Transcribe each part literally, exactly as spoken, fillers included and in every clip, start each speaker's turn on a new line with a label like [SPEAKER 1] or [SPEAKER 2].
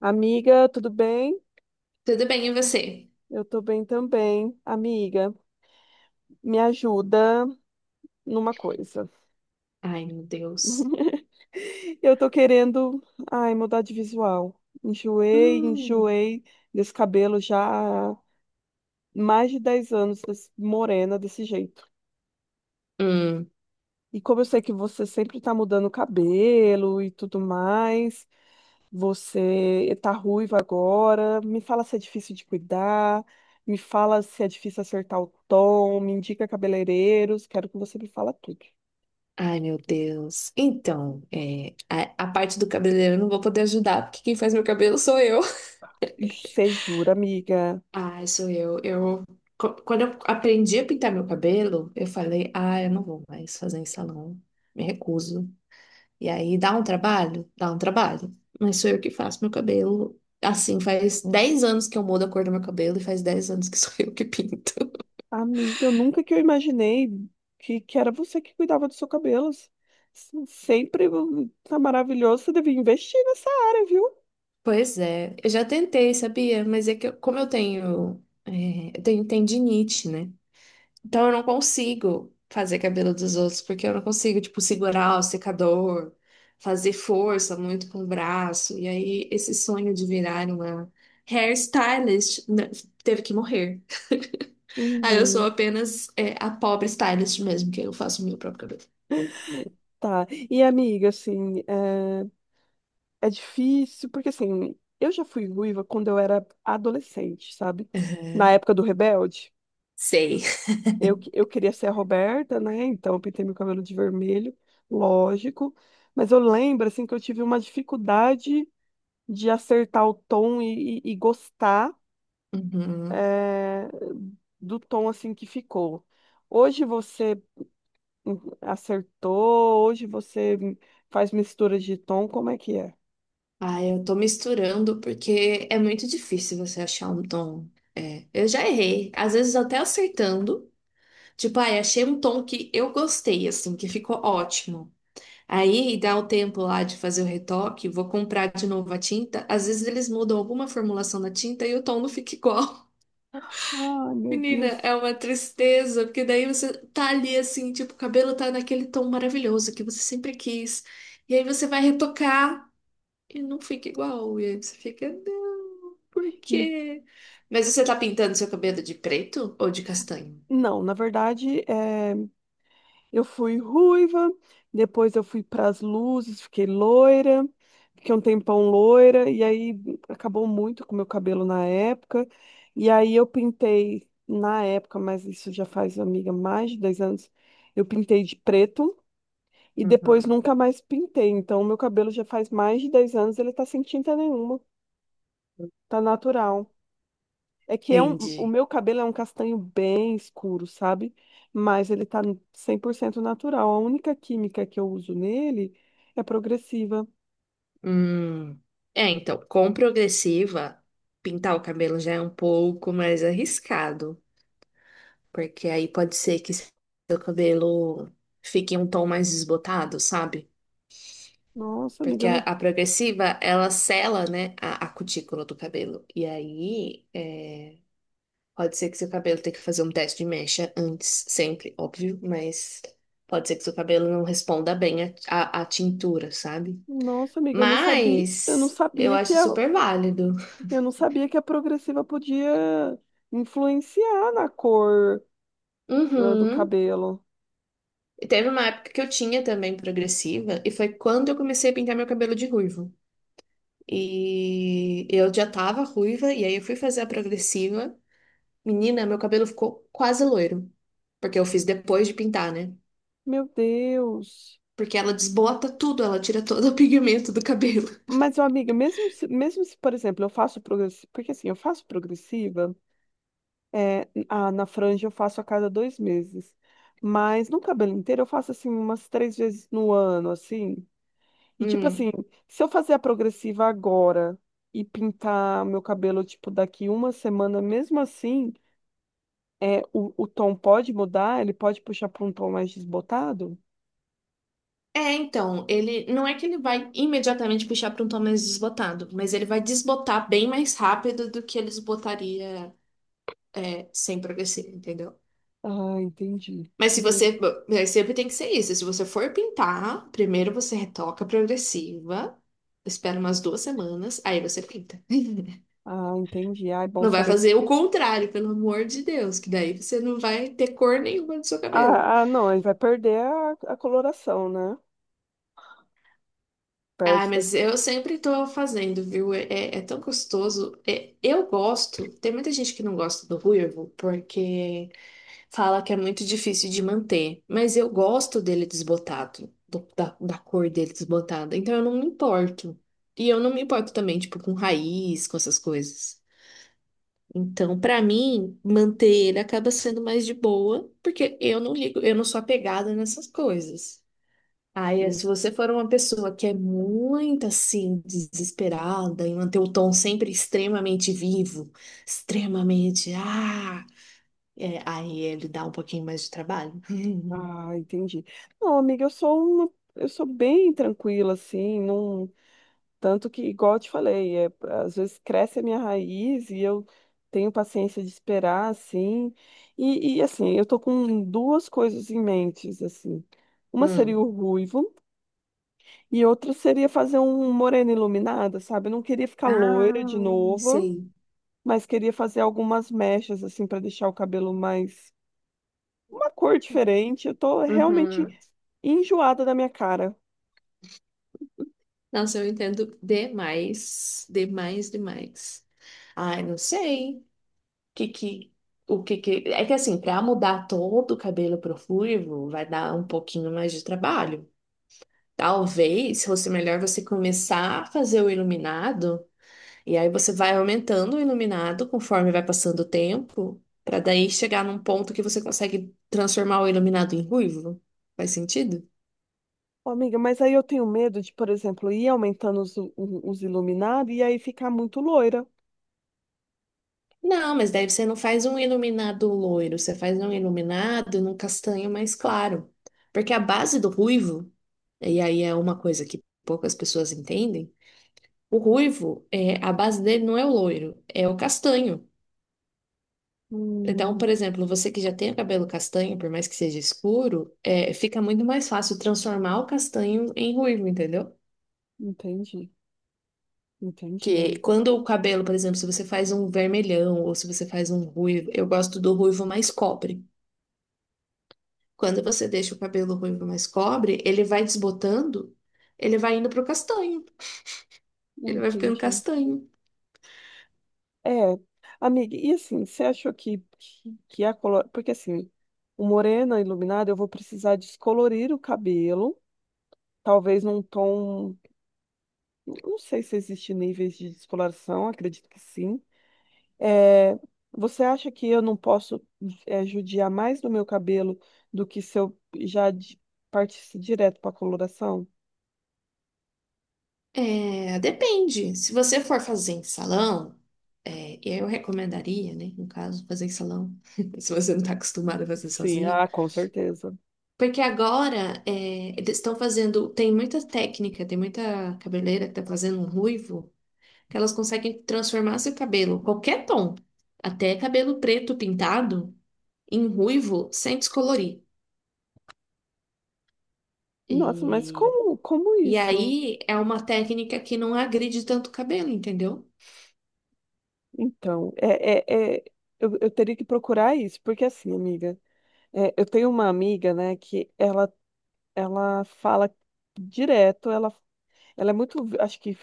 [SPEAKER 1] Amiga, tudo bem?
[SPEAKER 2] Tudo bem, e você?
[SPEAKER 1] Eu tô bem também. Amiga, me ajuda numa coisa.
[SPEAKER 2] Ai, meu Deus.
[SPEAKER 1] Eu tô querendo, ai, mudar de visual. Enjoei,
[SPEAKER 2] Hum,
[SPEAKER 1] enjoei desse cabelo já há mais de dez anos, desse- morena desse jeito.
[SPEAKER 2] hum.
[SPEAKER 1] E como eu sei que você sempre tá mudando o cabelo e tudo mais, você tá ruiva agora, me fala se é difícil de cuidar, me fala se é difícil acertar o tom, me indica cabeleireiros, quero que você me fala tudo.
[SPEAKER 2] Ai, meu Deus. Então, é, a, a parte do cabeleireiro eu não vou poder ajudar, porque quem faz meu cabelo sou eu.
[SPEAKER 1] Ixi, você jura, amiga?
[SPEAKER 2] Ai, sou eu. Eu, co- quando eu aprendi a pintar meu cabelo, eu falei, ah, eu não vou mais fazer em salão, me recuso. E aí, dá um trabalho? Dá um trabalho. Mas sou eu que faço meu cabelo. Assim, faz dez anos que eu mudo a cor do meu cabelo e faz dez anos que sou eu que pinto.
[SPEAKER 1] Amiga, eu nunca que eu imaginei que, que era você que cuidava dos seus cabelos. Se- Sempre hum, tá maravilhoso, você devia investir nessa área, viu?
[SPEAKER 2] Pois é, eu já tentei, sabia? Mas é que eu- como eu tenho, é, eu tenho tendinite, né? Então eu não consigo fazer cabelo dos outros, porque eu não consigo, tipo, segurar o secador, fazer força muito com o braço. E aí esse sonho de virar uma hairstylist, né, teve que morrer. Aí eu sou
[SPEAKER 1] Uhum,
[SPEAKER 2] apenas, é, a pobre stylist mesmo, que eu faço o meu próprio cabelo.
[SPEAKER 1] tá. E amiga, assim, eh, é difícil, porque assim, eu já fui ruiva quando eu era adolescente, sabe? Na
[SPEAKER 2] Aham.
[SPEAKER 1] época do Rebelde,
[SPEAKER 2] Sei.
[SPEAKER 1] eu, que- eu queria ser a Roberta, né? Então eu pintei meu cabelo de vermelho, lógico. Mas eu lembro, assim, que eu tive uma dificuldade de acertar o tom e, e- e gostar,
[SPEAKER 2] Uhum.
[SPEAKER 1] eh, do tom, assim, que ficou. Hoje você hum, acertou, hoje você hum, faz mistura de tom, como é que é?
[SPEAKER 2] Ah, eu tô misturando porque é muito difícil você achar um tom. É, eu já errei, às vezes até acertando. Tipo, ai, achei um tom que eu gostei, assim, que ficou ótimo. Aí dá o tempo lá de fazer o retoque, vou comprar de novo a tinta. Às vezes eles mudam alguma formulação da tinta e o tom não fica igual.
[SPEAKER 1] Ai, meu
[SPEAKER 2] Menina,
[SPEAKER 1] Deus.
[SPEAKER 2] é uma tristeza, porque daí você tá ali assim, tipo, o cabelo tá naquele tom maravilhoso que você sempre quis. E aí você vai retocar. E não fica igual. E aí você fica, não, por quê? Mas você tá pintando seu cabelo de preto ou de castanho?
[SPEAKER 1] Não, na verdade, eh, eu fui ruiva, depois eu fui para as luzes, fiquei loira, fiquei um tempão loira, e aí acabou muito com o meu cabelo na época. E aí eu pintei, na época, mas isso já faz, amiga, mais de dez anos, eu pintei de preto e depois
[SPEAKER 2] Uhum.
[SPEAKER 1] nunca mais pintei. Então, o meu cabelo já faz mais de dez anos, ele tá sem tinta nenhuma, tá natural. É que é um, o
[SPEAKER 2] Entendi.
[SPEAKER 1] meu cabelo é um castanho bem escuro, sabe? Mas ele tá cem por cento natural. A única química que eu uso nele é progressiva.
[SPEAKER 2] Hum. É, então, com progressiva, pintar o cabelo já é um pouco mais arriscado, porque aí pode ser que seu cabelo fique um tom mais desbotado, sabe?
[SPEAKER 1] Nossa, amiga,
[SPEAKER 2] Porque
[SPEAKER 1] eu
[SPEAKER 2] a,
[SPEAKER 1] não,
[SPEAKER 2] a progressiva, ela sela, né, a, a cutícula do cabelo. E aí, é, pode ser que seu cabelo tenha que fazer um teste de mecha antes, sempre, óbvio, mas pode ser que seu cabelo não responda bem à à- à tintura, sabe?
[SPEAKER 1] nossa, amiga, eu não sabia, eu não
[SPEAKER 2] Mas eu
[SPEAKER 1] sabia que
[SPEAKER 2] acho
[SPEAKER 1] a,
[SPEAKER 2] super válido.
[SPEAKER 1] eu não sabia que a progressiva podia influenciar na cor ah, do
[SPEAKER 2] Uhum.
[SPEAKER 1] cabelo.
[SPEAKER 2] E teve uma época que eu tinha também progressiva, e foi quando eu comecei a pintar meu cabelo de ruivo. E eu já tava ruiva, e aí eu fui fazer a progressiva. Menina, meu cabelo ficou quase loiro, porque eu fiz depois de pintar, né?
[SPEAKER 1] Meu Deus.
[SPEAKER 2] Porque ela desbota tudo, ela tira todo o pigmento do cabelo.
[SPEAKER 1] Mas, ó, amiga, mesmo se, mesmo se, por exemplo, eu faço progressiva, porque assim, eu faço progressiva. É, a- na franja eu faço a cada dois meses. Mas no cabelo inteiro eu faço assim umas três vezes no ano, assim. E tipo assim,
[SPEAKER 2] Hum.
[SPEAKER 1] se eu fazer a progressiva agora e pintar meu cabelo, tipo, daqui uma semana, mesmo assim, é, o, o tom pode mudar? Ele pode puxar para um tom mais desbotado?
[SPEAKER 2] É, então, ele não é que ele vai imediatamente puxar para um tom mais desbotado, mas ele vai desbotar bem mais rápido do que ele desbotaria é, sem progressir, entendeu?
[SPEAKER 1] Ah, entendi.
[SPEAKER 2] Mas se
[SPEAKER 1] Uhum.
[SPEAKER 2] você, mas sempre tem que ser isso. Se você for pintar, primeiro você retoca a progressiva, espera umas duas semanas, aí você pinta.
[SPEAKER 1] Ah, entendi. Ah, é bom
[SPEAKER 2] Não vai
[SPEAKER 1] saber.
[SPEAKER 2] fazer o
[SPEAKER 1] porque-
[SPEAKER 2] contrário, pelo amor de Deus, que daí você não vai ter cor nenhuma no seu cabelo.
[SPEAKER 1] Ah, ah, não, ele vai perder a, a coloração, né?
[SPEAKER 2] Ah,
[SPEAKER 1] Perde.
[SPEAKER 2] mas eu sempre tô fazendo, viu? É, é é tão gostoso. É, eu gosto. Tem muita gente que não gosta do ruivo porque fala que é muito difícil de manter. Mas eu gosto dele desbotado, do- da, da cor dele desbotada. Então eu não me importo. E eu não me importo também, tipo, com raiz, com essas coisas. Então, pra mim, manter ele acaba sendo mais de boa, porque eu não ligo, eu não sou apegada nessas coisas. Aí, se você for uma pessoa que é muito assim, desesperada e manter o tom sempre extremamente vivo, extremamente, ah, é, aí ele dá um pouquinho mais de trabalho.
[SPEAKER 1] Ah, entendi. Não, amiga, eu sou uma, eu sou bem tranquila, assim, não, tanto que, igual eu te falei, é, às vezes cresce a minha raiz e eu tenho paciência de esperar, assim, e, e, assim, eu tô com duas coisas em mente, assim, uma seria o
[SPEAKER 2] Hum.
[SPEAKER 1] ruivo e outra seria fazer um morena iluminada, sabe? Eu não queria ficar loira
[SPEAKER 2] Ah,
[SPEAKER 1] de novo,
[SPEAKER 2] sei.
[SPEAKER 1] mas queria fazer algumas mechas, assim, para deixar o cabelo mais, uma cor diferente, eu tô realmente
[SPEAKER 2] Uhum.
[SPEAKER 1] enjoada da minha cara.
[SPEAKER 2] Nossa, eu entendo demais, demais, demais. Ai, não sei. Que que, o que que... É que assim, para mudar todo o cabelo pro ruivo, vai dar um pouquinho mais de trabalho. Talvez fosse melhor você começar a fazer o iluminado, e aí você vai aumentando o iluminado conforme vai passando o tempo, para daí chegar num ponto que você consegue transformar o iluminado em ruivo. Faz sentido?
[SPEAKER 1] Ô, amiga, mas aí eu tenho medo de, por exemplo, ir aumentando os, o- os iluminados e aí ficar muito loira.
[SPEAKER 2] Não, mas daí você não faz um iluminado loiro, você faz um iluminado num castanho mais claro. Porque a base do ruivo, e aí é uma coisa que poucas pessoas entendem, o ruivo, é, a base dele não é o loiro, é o castanho. Então, por
[SPEAKER 1] Hum,
[SPEAKER 2] exemplo, você que já tem o cabelo castanho, por mais que seja escuro, é, fica muito mais fácil transformar o castanho em ruivo, entendeu?
[SPEAKER 1] entendi. Entendi,
[SPEAKER 2] Que
[SPEAKER 1] amiga.
[SPEAKER 2] quando o cabelo, por exemplo, se você faz um vermelhão ou se você faz um ruivo, eu gosto do ruivo mais cobre. Quando você deixa o cabelo ruivo mais cobre, ele vai desbotando, ele vai indo pro castanho, ele vai ficando
[SPEAKER 1] Entendi.
[SPEAKER 2] castanho.
[SPEAKER 1] É, amiga, e assim, você achou que, que, que a color... Porque assim, o morena iluminada, eu vou precisar descolorir o cabelo, talvez num tom... Não sei se existe níveis de descoloração, acredito que sim. É, você acha que eu não posso é, judiar mais do meu cabelo do que se eu já di- partisse direto para coloração?
[SPEAKER 2] É, depende. Se você for fazer em salão, é, eu recomendaria, né, no caso, fazer em salão, se você não está acostumada a fazer
[SPEAKER 1] Sim,
[SPEAKER 2] sozinha.
[SPEAKER 1] ah, com certeza.
[SPEAKER 2] Porque agora é, eles estão fazendo. Tem muita técnica, tem muita cabeleireira que tá fazendo um ruivo, que elas conseguem transformar seu cabelo, qualquer tom, até cabelo preto pintado, em ruivo sem descolorir.
[SPEAKER 1] Nossa, mas
[SPEAKER 2] E,
[SPEAKER 1] como, como
[SPEAKER 2] e
[SPEAKER 1] isso?
[SPEAKER 2] aí é uma técnica que não agride tanto o cabelo, entendeu?
[SPEAKER 1] Então, é, é, é, eu, eu teria que procurar isso, porque assim, amiga, é, eu tenho uma amiga, né, que ela, ela fala direto, ela ela é muito, acho que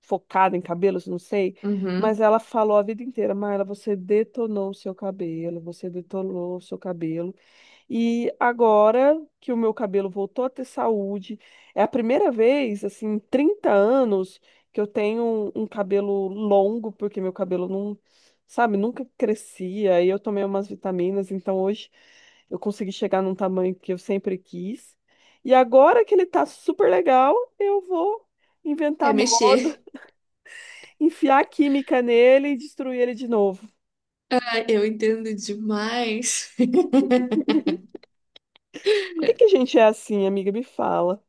[SPEAKER 1] focada em cabelos, não sei, mas
[SPEAKER 2] Uhum.
[SPEAKER 1] ela falou a vida inteira, Mayra, você detonou o seu cabelo, você detonou o seu cabelo. E agora que o meu cabelo voltou a ter saúde, é a primeira vez, assim, em trinta anos que eu tenho um um cabelo longo, porque meu cabelo não, sabe, nunca crescia. E eu tomei umas vitaminas, então hoje eu consegui chegar num tamanho que eu sempre quis. E agora que ele tá super legal, eu vou
[SPEAKER 2] É
[SPEAKER 1] inventar moda,
[SPEAKER 2] mexer.
[SPEAKER 1] enfiar química nele e destruir ele de novo.
[SPEAKER 2] Ah, eu entendo demais.
[SPEAKER 1] Por que que a gente é assim, amiga? Me fala.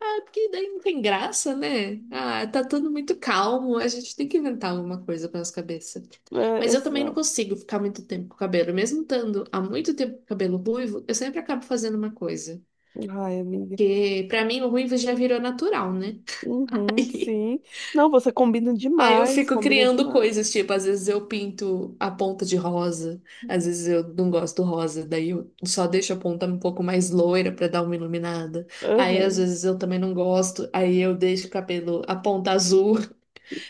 [SPEAKER 2] Ah, é porque daí não tem graça, né? Ah, tá tudo muito calmo, a gente tem que inventar alguma coisa para nossa cabeça.
[SPEAKER 1] É,
[SPEAKER 2] Mas eu também não
[SPEAKER 1] exato.
[SPEAKER 2] consigo ficar muito tempo com o cabelo, mesmo estando há muito tempo com o cabelo ruivo, eu sempre acabo fazendo uma coisa.
[SPEAKER 1] Ai, amiga.
[SPEAKER 2] Porque pra mim o ruivo já virou natural, né?
[SPEAKER 1] Uhum, sim. Não, você combina
[SPEAKER 2] Aí eu
[SPEAKER 1] demais,
[SPEAKER 2] fico
[SPEAKER 1] combina
[SPEAKER 2] criando
[SPEAKER 1] demais.
[SPEAKER 2] coisas, tipo, às vezes eu pinto a ponta de rosa, às vezes eu não gosto do rosa, daí eu só deixo a ponta um pouco mais loira pra dar uma iluminada. Aí às
[SPEAKER 1] Aham.
[SPEAKER 2] vezes eu também não gosto, aí eu deixo o cabelo a ponta azul.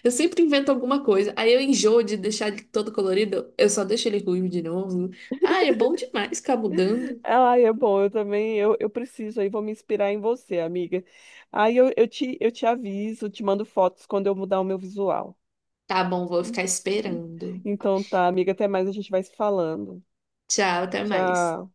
[SPEAKER 2] Eu sempre invento alguma coisa. Aí eu enjoo de deixar ele todo colorido, eu só deixo ele ruivo de novo. Ah, é bom demais ficar mudando.
[SPEAKER 1] Ai, é bom, eu também, eu, eu preciso aí, vou me inspirar em você, amiga. Aí eu, eu te, eu te aviso, te mando fotos quando eu mudar o meu visual.
[SPEAKER 2] Tá bom, vou
[SPEAKER 1] Hum,
[SPEAKER 2] ficar
[SPEAKER 1] sim.
[SPEAKER 2] esperando.
[SPEAKER 1] Então tá, amiga, até mais, a gente vai se falando.
[SPEAKER 2] Tchau, até mais.
[SPEAKER 1] Tchau.